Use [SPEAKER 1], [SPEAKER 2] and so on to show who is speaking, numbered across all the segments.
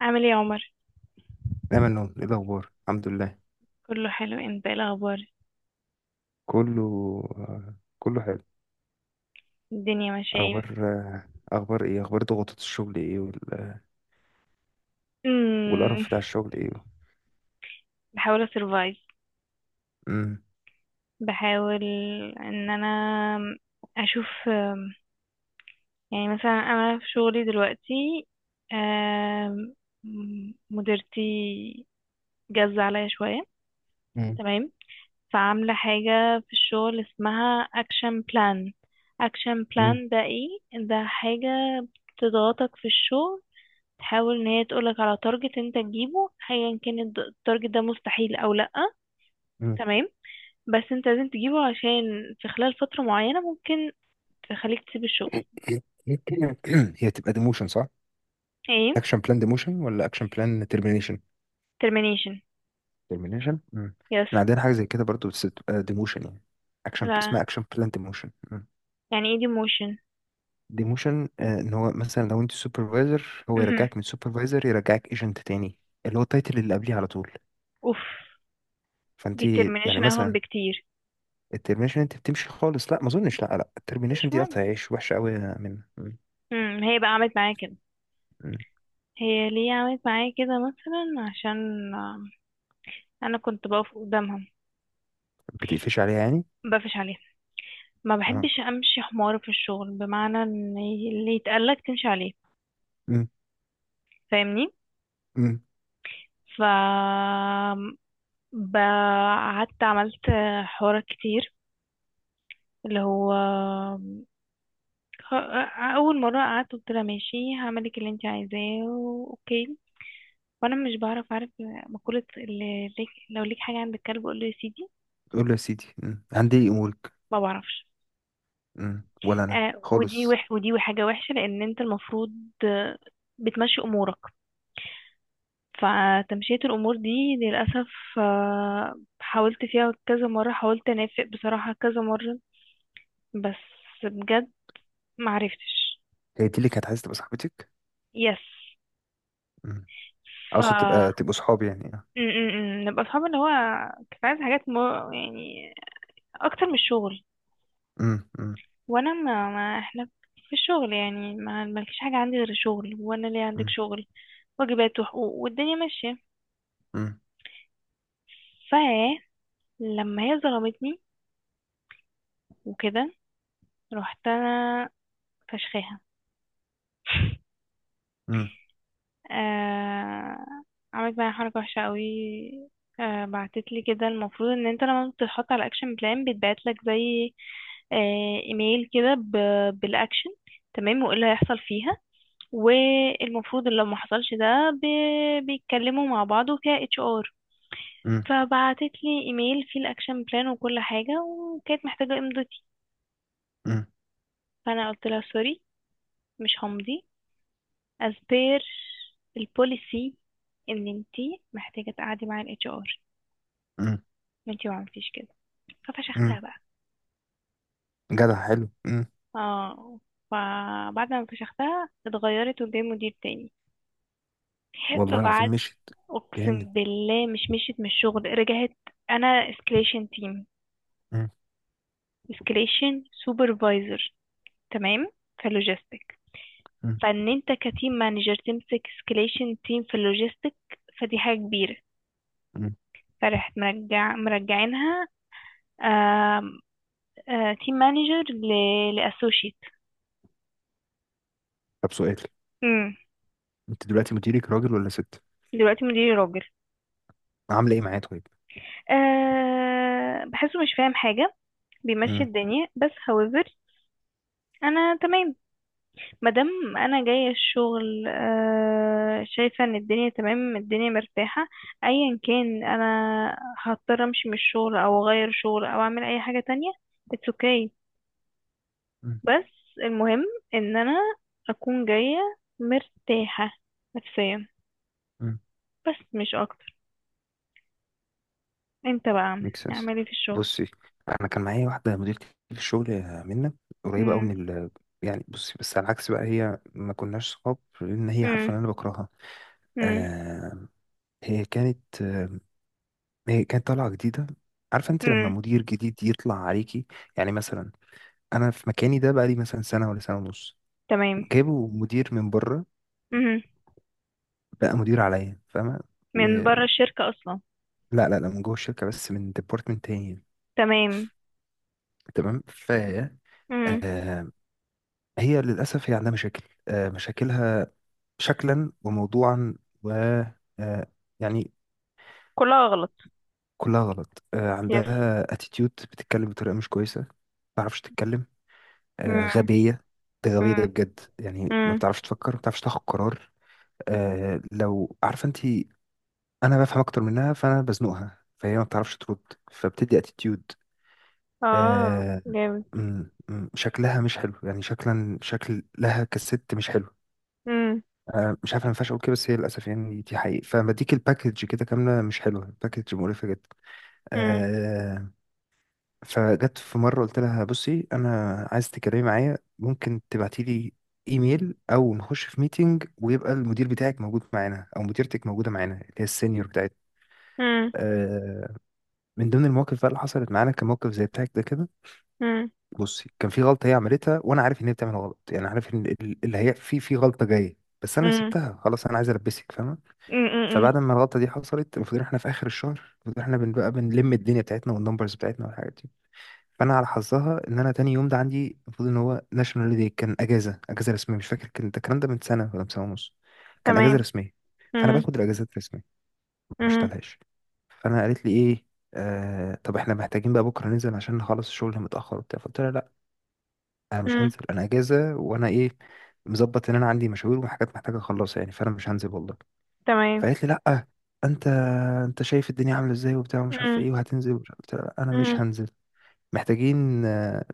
[SPEAKER 1] عامل ايه يا عمر؟
[SPEAKER 2] دايما نقول ايه الاخبار، الحمد لله.
[SPEAKER 1] كله حلو، انت ايه الاخبار؟
[SPEAKER 2] كله كله حلو.
[SPEAKER 1] الدنيا ماشيه ايه؟
[SPEAKER 2] اخبار آه، اخبار ايه؟ ضغوطات الشغل ايه،
[SPEAKER 1] امم
[SPEAKER 2] والقرف بتاع الشغل ايه.
[SPEAKER 1] بحاول اسرفايف.
[SPEAKER 2] امم.
[SPEAKER 1] بحاول ان انا اشوف. يعني مثلا انا في شغلي دلوقتي آم، مديرتي جاز عليا شويه.
[SPEAKER 2] امم.
[SPEAKER 1] تمام. فعامله حاجه في الشغل اسمها اكشن بلان. اكشن
[SPEAKER 2] امم.
[SPEAKER 1] بلان ده ايه؟ ده حاجه تضغطك في الشغل، تحاول ان هي تقولك على تارجت انت تجيبه، ايا كان التارجت ده مستحيل او لا.
[SPEAKER 2] أمم.
[SPEAKER 1] تمام. بس انت لازم تجيبه، عشان في خلال فترة معينة ممكن تخليك تسيب الشغل.
[SPEAKER 2] هي تبقى ديموشن، صح؟
[SPEAKER 1] ايه.
[SPEAKER 2] اكشن بلان ديموشن ولا اكشن بلان ترمينيشن؟
[SPEAKER 1] Termination.
[SPEAKER 2] ترمينيشن. امم.
[SPEAKER 1] يس.
[SPEAKER 2] احنا عندنا حاجه زي كده برضو، بس بتبقى ديموشن يعني. اكشن
[SPEAKER 1] لا،
[SPEAKER 2] اسمها اكشن بلان ديموشن.
[SPEAKER 1] يعني ايه demotion؟
[SPEAKER 2] ديموشن. ان هو مثلا لو انت سوبرفايزر، هو
[SPEAKER 1] مهم.
[SPEAKER 2] يرجعك من سوبرفايزر يرجعك ايجنت تاني، اللي هو التايتل اللي قبليه على طول.
[SPEAKER 1] اوف،
[SPEAKER 2] فانت
[SPEAKER 1] دي
[SPEAKER 2] يعني
[SPEAKER 1] termination اهم
[SPEAKER 2] مثلا،
[SPEAKER 1] بكتير.
[SPEAKER 2] الترمينيشن انت بتمشي خالص. لا، ما اظنش، لا لا، الترمينيشن
[SPEAKER 1] مش
[SPEAKER 2] دي
[SPEAKER 1] مهم.
[SPEAKER 2] قطع عيش وحشه قوي من مم.
[SPEAKER 1] مم. هي بقى عملت معايا كده.
[SPEAKER 2] مم.
[SPEAKER 1] هي ليه عملت معايا كده؟ مثلا عشان انا كنت بقف قدامها.
[SPEAKER 2] بتقفش عليها يعني؟
[SPEAKER 1] بقفش عليها. ما
[SPEAKER 2] اه.
[SPEAKER 1] بحبش امشي حمار في الشغل، بمعنى ان اللي يتقالك تمشي عليه.
[SPEAKER 2] مم.
[SPEAKER 1] فاهمني؟
[SPEAKER 2] مم.
[SPEAKER 1] ف ب- قعدت عملت حوارات كتير اللي هو خ- اول مره. قعدت قلت لها ماشي، هعملك اللي انت عايزاه. اوكي. وانا مش عارف مقوله: اللي ليك لو ليك حاجه عند الكلب قول له يا سيدي.
[SPEAKER 2] قول له يا سيدي. مم. عندي امورك.
[SPEAKER 1] ما بعرفش.
[SPEAKER 2] مم. ولا انا خالص.
[SPEAKER 1] ودي حاجه وحشه، لان انت المفروض آه، بتمشي امورك. فتمشية الأمور دي، للأسف، حاولت فيها كذا مرة، حاولت أنافق بصراحة كذا مرة. بس بجد معرفتش.
[SPEAKER 2] هي دي اللي كانت عايزه تبقى صاحبتك.
[SPEAKER 1] يس.
[SPEAKER 2] مم.
[SPEAKER 1] ف
[SPEAKER 2] اقصد
[SPEAKER 1] م-
[SPEAKER 2] تبقى تبقوا صحاب يعني، اه.
[SPEAKER 1] م- م. نبقى اصحاب اللي هو كنت عايزه حاجات يعني اكتر من الشغل.
[SPEAKER 2] مم. مم.
[SPEAKER 1] وانا ما احنا في الشغل، يعني ما مالكش حاجه عندي غير الشغل، وانا ليه عندك
[SPEAKER 2] مم.
[SPEAKER 1] شغل. واجبات وحقوق والدنيا ماشيه.
[SPEAKER 2] مم.
[SPEAKER 1] ف لما هي ظلمتني وكده رحت انا فشخاها.
[SPEAKER 2] مم.
[SPEAKER 1] آه... عملت معايا حركه وحشه قوي. بعتت لي كده. المفروض ان انت لما بتتحط على اكشن بلان بيتبعت لك زي ايميل كده بالاكشن. تمام، وايه اللي هيحصل فيها. والمفروض اللي لو ما حصلش ده بيتكلموا مع بعض وفيها اتش ار.
[SPEAKER 2] مم.
[SPEAKER 1] فبعتت لي ايميل فيه الاكشن بلان وكل حاجه، وكانت محتاجه امضتي.
[SPEAKER 2] مم.
[SPEAKER 1] فانا قلت لها: سوري، مش همضي as per البوليسي، ان انتي محتاجه تقعدي مع الاتش ار.
[SPEAKER 2] مم.
[SPEAKER 1] انتي ما عملتيش كده.
[SPEAKER 2] مم.
[SPEAKER 1] ففشختها بقى.
[SPEAKER 2] جدع، حلو. مم.
[SPEAKER 1] اه. فبعد ما فشختها اتغيرت وجاي مدير تاني.
[SPEAKER 2] والله العظيم
[SPEAKER 1] فبعت
[SPEAKER 2] مشيت. جامد.
[SPEAKER 1] اقسم بالله، مش مشيت من الشغل. رجعت. انا اسكليشن تيم،
[SPEAKER 2] مم.
[SPEAKER 1] اسكليشن سوبرفايزر، تمام، في اللوجيستيك.
[SPEAKER 2] مم.
[SPEAKER 1] فان انت كتيم مانجر تمسك اسكليشن تيم في اللوجيستيك، فدي حاجه كبيره.
[SPEAKER 2] مم.
[SPEAKER 1] فرحت مرجعينها تيم مانجر لاسوشيت.
[SPEAKER 2] طب، سؤال.
[SPEAKER 1] امم.
[SPEAKER 2] انت دلوقتي مديرك راجل ولا ست؟
[SPEAKER 1] دلوقتي مديري راجل.
[SPEAKER 2] عامله ايه معاه طيب؟
[SPEAKER 1] آه، بحسه مش فاهم حاجه، بيمشي الدنيا. بس however انا تمام. مادام انا جايه الشغل شايفه ان الدنيا تمام، الدنيا مرتاحه. ايا كان، انا هضطر امشي من الشغل او اغير شغل او اعمل اي حاجه تانية. اتس اوكي.
[SPEAKER 2] مم.
[SPEAKER 1] بس المهم ان انا اكون جايه مرتاحه نفسيا،
[SPEAKER 2] مم.
[SPEAKER 1] بس مش اكتر. انت بقى
[SPEAKER 2] ميك سنس.
[SPEAKER 1] اعمل ايه في الشغل؟
[SPEAKER 2] بصي، انا كان معايا واحده مديرتي في الشغل، منا قريبه قوي
[SPEAKER 1] مم.
[SPEAKER 2] من يعني، بصي، بس على العكس بقى هي ما كناش صحاب لان هي
[SPEAKER 1] مم.
[SPEAKER 2] عارفه ان انا بكرهها.
[SPEAKER 1] مم.
[SPEAKER 2] آه هي كانت آه هي كانت طالعه جديده. عارفه انت لما
[SPEAKER 1] مم.
[SPEAKER 2] مدير جديد يطلع عليكي؟ يعني مثلا، انا في مكاني ده بقى لي مثلا سنه ولا سنه ونص،
[SPEAKER 1] تمام.
[SPEAKER 2] جابوا مدير من بره،
[SPEAKER 1] مم.
[SPEAKER 2] بقى مدير عليا، فاهمه؟ و...
[SPEAKER 1] من بره الشركه اصلا؟
[SPEAKER 2] لا لا لا، من جوه الشركه بس من ديبارتمنت تاني.
[SPEAKER 1] تمام.
[SPEAKER 2] تمام،
[SPEAKER 1] مم.
[SPEAKER 2] هي للأسف هي عندها مشاكل، مشاكلها شكلا وموضوعا، و آه، يعني
[SPEAKER 1] كلها غلط.
[SPEAKER 2] كلها غلط،
[SPEAKER 1] يس.
[SPEAKER 2] عندها اتيتيود، بتتكلم بطريقة مش كويسة، ما بتعرفش تتكلم.
[SPEAKER 1] مم.
[SPEAKER 2] غبية، ده غبية ده
[SPEAKER 1] مم.
[SPEAKER 2] بجد يعني، ما
[SPEAKER 1] مم.
[SPEAKER 2] بتعرفش تفكر، ما بتعرفش تاخد قرار. لو عارفة انت، انا بفهم اكتر منها فانا بزنقها فهي ما بتعرفش ترد، فبتدي اتيتيود.
[SPEAKER 1] اه،
[SPEAKER 2] آه،
[SPEAKER 1] جامد.
[SPEAKER 2] شكلها مش حلو يعني، شكلا شكلها كست مش حلو.
[SPEAKER 1] امم.
[SPEAKER 2] مش عارف انا ما ينفعش اقول كده بس هي للاسف يعني دي حقيقة، فلما اديك الباكج كده كامله مش حلوه، الباكج مقرفه جدا.
[SPEAKER 1] امم.
[SPEAKER 2] آه فجت في مره قلت لها بصي، انا عايز تتكلمي معايا، ممكن تبعتي لي ايميل او نخش في ميتنج ويبقى المدير بتاعك موجود معانا او مديرتك موجوده معانا، اللي هي السينيور بتاعتنا.
[SPEAKER 1] امم.
[SPEAKER 2] آه من ضمن المواقف بقى اللي حصلت معانا، كان موقف زي بتاعك ده كده.
[SPEAKER 1] امم.
[SPEAKER 2] بصي، كان في غلطه هي عملتها وانا عارف ان هي بتعمل غلط، يعني عارف ان اللي هي في غلطه جايه، بس انا
[SPEAKER 1] امم.
[SPEAKER 2] سبتها خلاص، انا عايز البسك، فاهمه؟
[SPEAKER 1] امم.
[SPEAKER 2] فبعد ما الغلطه دي حصلت، المفروض إن احنا في اخر الشهر، المفروض إن احنا بنبقى بنلم الدنيا بتاعتنا والنمبرز بتاعتنا والحاجات دي. فانا على حظها، ان انا تاني يوم ده عندي، المفروض ان هو ناشونال داي، كان اجازه رسميه، مش فاكر كان ده الكلام ده من سنه ولا من سنه ونص، كان اجازه
[SPEAKER 1] تمام.
[SPEAKER 2] رسميه. فانا
[SPEAKER 1] امم.
[SPEAKER 2] باخد الاجازات الرسميه، ما
[SPEAKER 1] امم.
[SPEAKER 2] بشتغلهاش. قالت لي ايه؟ طب احنا محتاجين بقى بكره ننزل عشان نخلص الشغل متاخر وبتاع. فقلت لها لا، انا مش
[SPEAKER 1] امم.
[SPEAKER 2] هنزل، انا اجازه، وانا ايه، مظبط، ان انا عندي مشاوير وحاجات محتاجه اخلصها يعني، فانا مش هنزل والله.
[SPEAKER 1] تمام.
[SPEAKER 2] فقالت لي لا، انت انت شايف الدنيا عامله ازاي وبتاع ومش عارف
[SPEAKER 1] امم.
[SPEAKER 2] ايه وهتنزل ومش عارف إيه. قلت لها لا، انا مش
[SPEAKER 1] امم.
[SPEAKER 2] هنزل. محتاجين آه،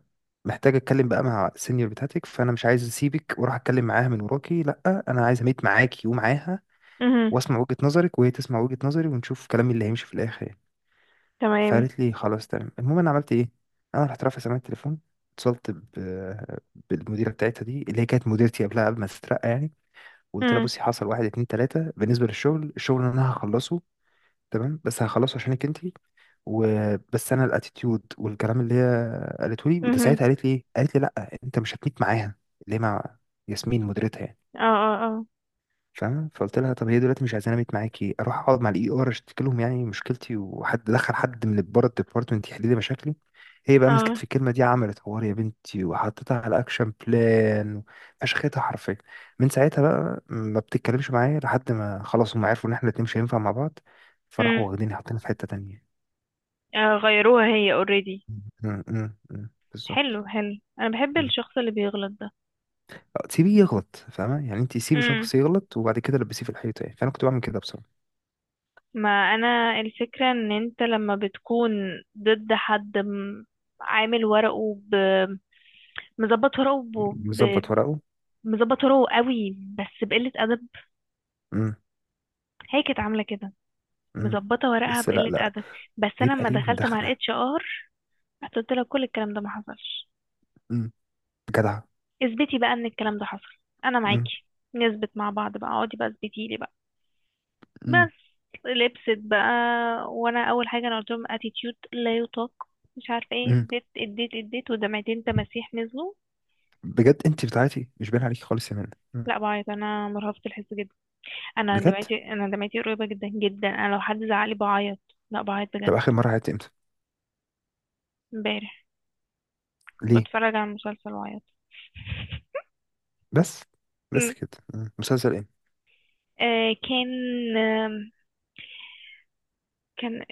[SPEAKER 2] محتاج اتكلم بقى مع السينيور بتاعتك، فانا مش عايز اسيبك واروح اتكلم معاها من وراكي، لا انا عايز اميت معاكي ومعاها،
[SPEAKER 1] امم.
[SPEAKER 2] واسمع وجهه نظرك وهي تسمع وجهه نظري، ونشوف كلامي اللي هيمشي في الاخر يعني.
[SPEAKER 1] تمام.
[SPEAKER 2] فقالت لي خلاص تمام. المهم، انا عملت ايه، انا رحت رافع سماعه التليفون، اتصلت بالمديره بتاعتها دي، اللي هي كانت مديرتي قبلها قبل ما تترقى يعني، وقلت لها
[SPEAKER 1] امم.
[SPEAKER 2] بصي، حصل واحد اتنين تلاته بالنسبه للشغل، اللي انا هخلصه تمام بس هخلصه عشانك انت، وبس انا الاتيتيود والكلام اللي هي قالته لي. وده
[SPEAKER 1] امم.
[SPEAKER 2] ساعتها قالت لي ايه؟ قالت لي لا، انت مش هتميت معاها، اللي هي مع ياسمين مديرتها يعني،
[SPEAKER 1] اه. اه. اه.
[SPEAKER 2] فاهمة؟ فقلت لها طب هي دلوقتي مش عايزاني أبيت معاكي، أروح أقعد مع الإي آر أشتكي لهم يعني مشكلتي، وحد دخل حد من بره الديبارتمنت يحل لي مشاكلي. هي بقى
[SPEAKER 1] اه.
[SPEAKER 2] مسكت في الكلمة دي، عملت حوار يا بنتي وحطيتها على أكشن بلان، فشختها حرفيا. من ساعتها بقى ما بتتكلمش معايا لحد ما خلاص، هم عرفوا إن إحنا الاتنين مش هينفع مع بعض، فراحوا
[SPEAKER 1] امم.
[SPEAKER 2] واخديني حاطيني في حتة تانية.
[SPEAKER 1] آه، غيروها هي اوريدي.
[SPEAKER 2] م- م. بالظبط.
[SPEAKER 1] حلو، حلو. انا بحب
[SPEAKER 2] م.
[SPEAKER 1] الشخص اللي بيغلط ده.
[SPEAKER 2] أه، سيبيه يغلط، فاهمة يعني؟ أنت سيبي
[SPEAKER 1] امم.
[SPEAKER 2] شخص يغلط وبعد كده لبسيه في الحيطة يعني، فأنا كنت بعمل كده بصراحة.
[SPEAKER 1] ما انا الفكرة ان انت لما بتكون ضد حد، عامل ورقه، مظبط ورقه
[SPEAKER 2] مظبط ورقه.
[SPEAKER 1] مظبطه ورقه قوي، بس بقله ادب.
[SPEAKER 2] م.
[SPEAKER 1] هي كانت عامله كده.
[SPEAKER 2] مم.
[SPEAKER 1] مظبطه ورقها
[SPEAKER 2] بس لا
[SPEAKER 1] بقله
[SPEAKER 2] لا،
[SPEAKER 1] ادب. بس انا
[SPEAKER 2] بيبقى
[SPEAKER 1] لما
[SPEAKER 2] ليهم
[SPEAKER 1] دخلت مع
[SPEAKER 2] دخلة.
[SPEAKER 1] الاتش ار، قلت لها كل الكلام ده ما حصلش.
[SPEAKER 2] مم. جدعة.
[SPEAKER 1] اثبتي بقى ان الكلام ده حصل. انا
[SPEAKER 2] مم.
[SPEAKER 1] معاكي نثبت مع بعض بقى، اقعدي بقى، اثبتي لي بقى.
[SPEAKER 2] مم.
[SPEAKER 1] بس لبست بقى. وانا اول حاجه، انا قلت لهم اتيتيود لا يطاق، مش عارفه ايه،
[SPEAKER 2] مم.
[SPEAKER 1] اديت اديت اديت، ودمعتين تماسيح نزلوا.
[SPEAKER 2] بجد؟ انت بتاعتي مش باين عليكي خالص يا منى. مم.
[SPEAKER 1] لا، بعيط. انا مرهفه الحس جدا.
[SPEAKER 2] بجد؟
[SPEAKER 1] انا دمعتي قريبه جدا جدا. انا لو حد زعلي بعيط. لا، بعيط
[SPEAKER 2] طب
[SPEAKER 1] بجد.
[SPEAKER 2] اخر مرة عيطتي امتى؟
[SPEAKER 1] امبارح كنت
[SPEAKER 2] ليه؟
[SPEAKER 1] بتفرج على المسلسل واعيط.
[SPEAKER 2] بس. بس
[SPEAKER 1] أمم.
[SPEAKER 2] كده. مم. مسلسل ايه؟
[SPEAKER 1] كان آم، كان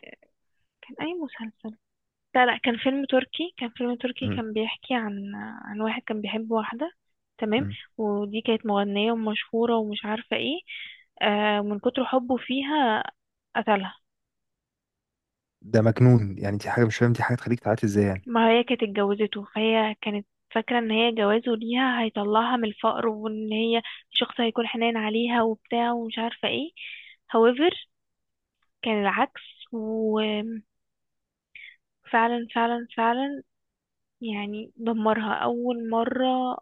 [SPEAKER 1] كان أي مسلسل؟ لا، لا، كان فيلم تركي
[SPEAKER 2] مم.
[SPEAKER 1] كان بيحكي عن واحد كان بيحب واحدة. تمام.
[SPEAKER 2] مم.
[SPEAKER 1] ودي كانت مغنية ومشهورة ومش عارفة ايه. من كتر حبه فيها قتلها.
[SPEAKER 2] ده مجنون يعني، دي حاجة، مش فاهم دي حاجة تخليك تعيطي ازاي يعني.
[SPEAKER 1] ما هي كانت اتجوزته، فهي كانت فاكرة ان هي جوازه ليها هيطلعها من الفقر، وان هي شخص هيكون حنين عليها وبتاع ومش عارفة ايه. However كان العكس فعلا، فعلا، فعلا. يعني دمرها أول مرة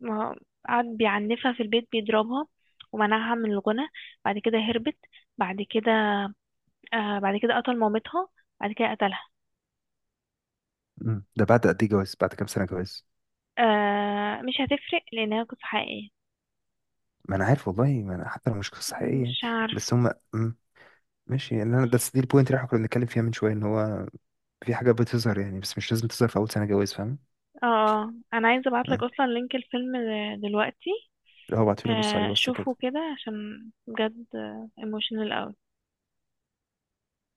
[SPEAKER 1] ما قعد بيعنفها في البيت بيضربها ومنعها من الغنى. بعد كده هربت. بعد كده آه بعد كده قتل مامتها. بعد كده قتلها.
[SPEAKER 2] مم. ده بعد قد ايه جواز؟ بعد كام سنة جواز؟
[SPEAKER 1] آه، مش هتفرق لأنها قصة حقيقية.
[SPEAKER 2] ما انا عارف والله، ما انا حتى لو مش قصة حقيقية يعني.
[SPEAKER 1] مش عارف.
[SPEAKER 2] بس هم. مم. ماشي يعني، انا دي البوينت اللي احنا كنا بنتكلم فيها من شوية، ان هو في حاجة بتظهر يعني، بس مش لازم تظهر في اول سنة جواز. فاهم؟
[SPEAKER 1] اه. آه. أنا عايزة أبعتلك أصلا لينك الفيلم دلوقتي.
[SPEAKER 2] اه، بعتولي ابص عليه بس كده.
[SPEAKER 1] شوفه كده، عشان بجد emotional أوي.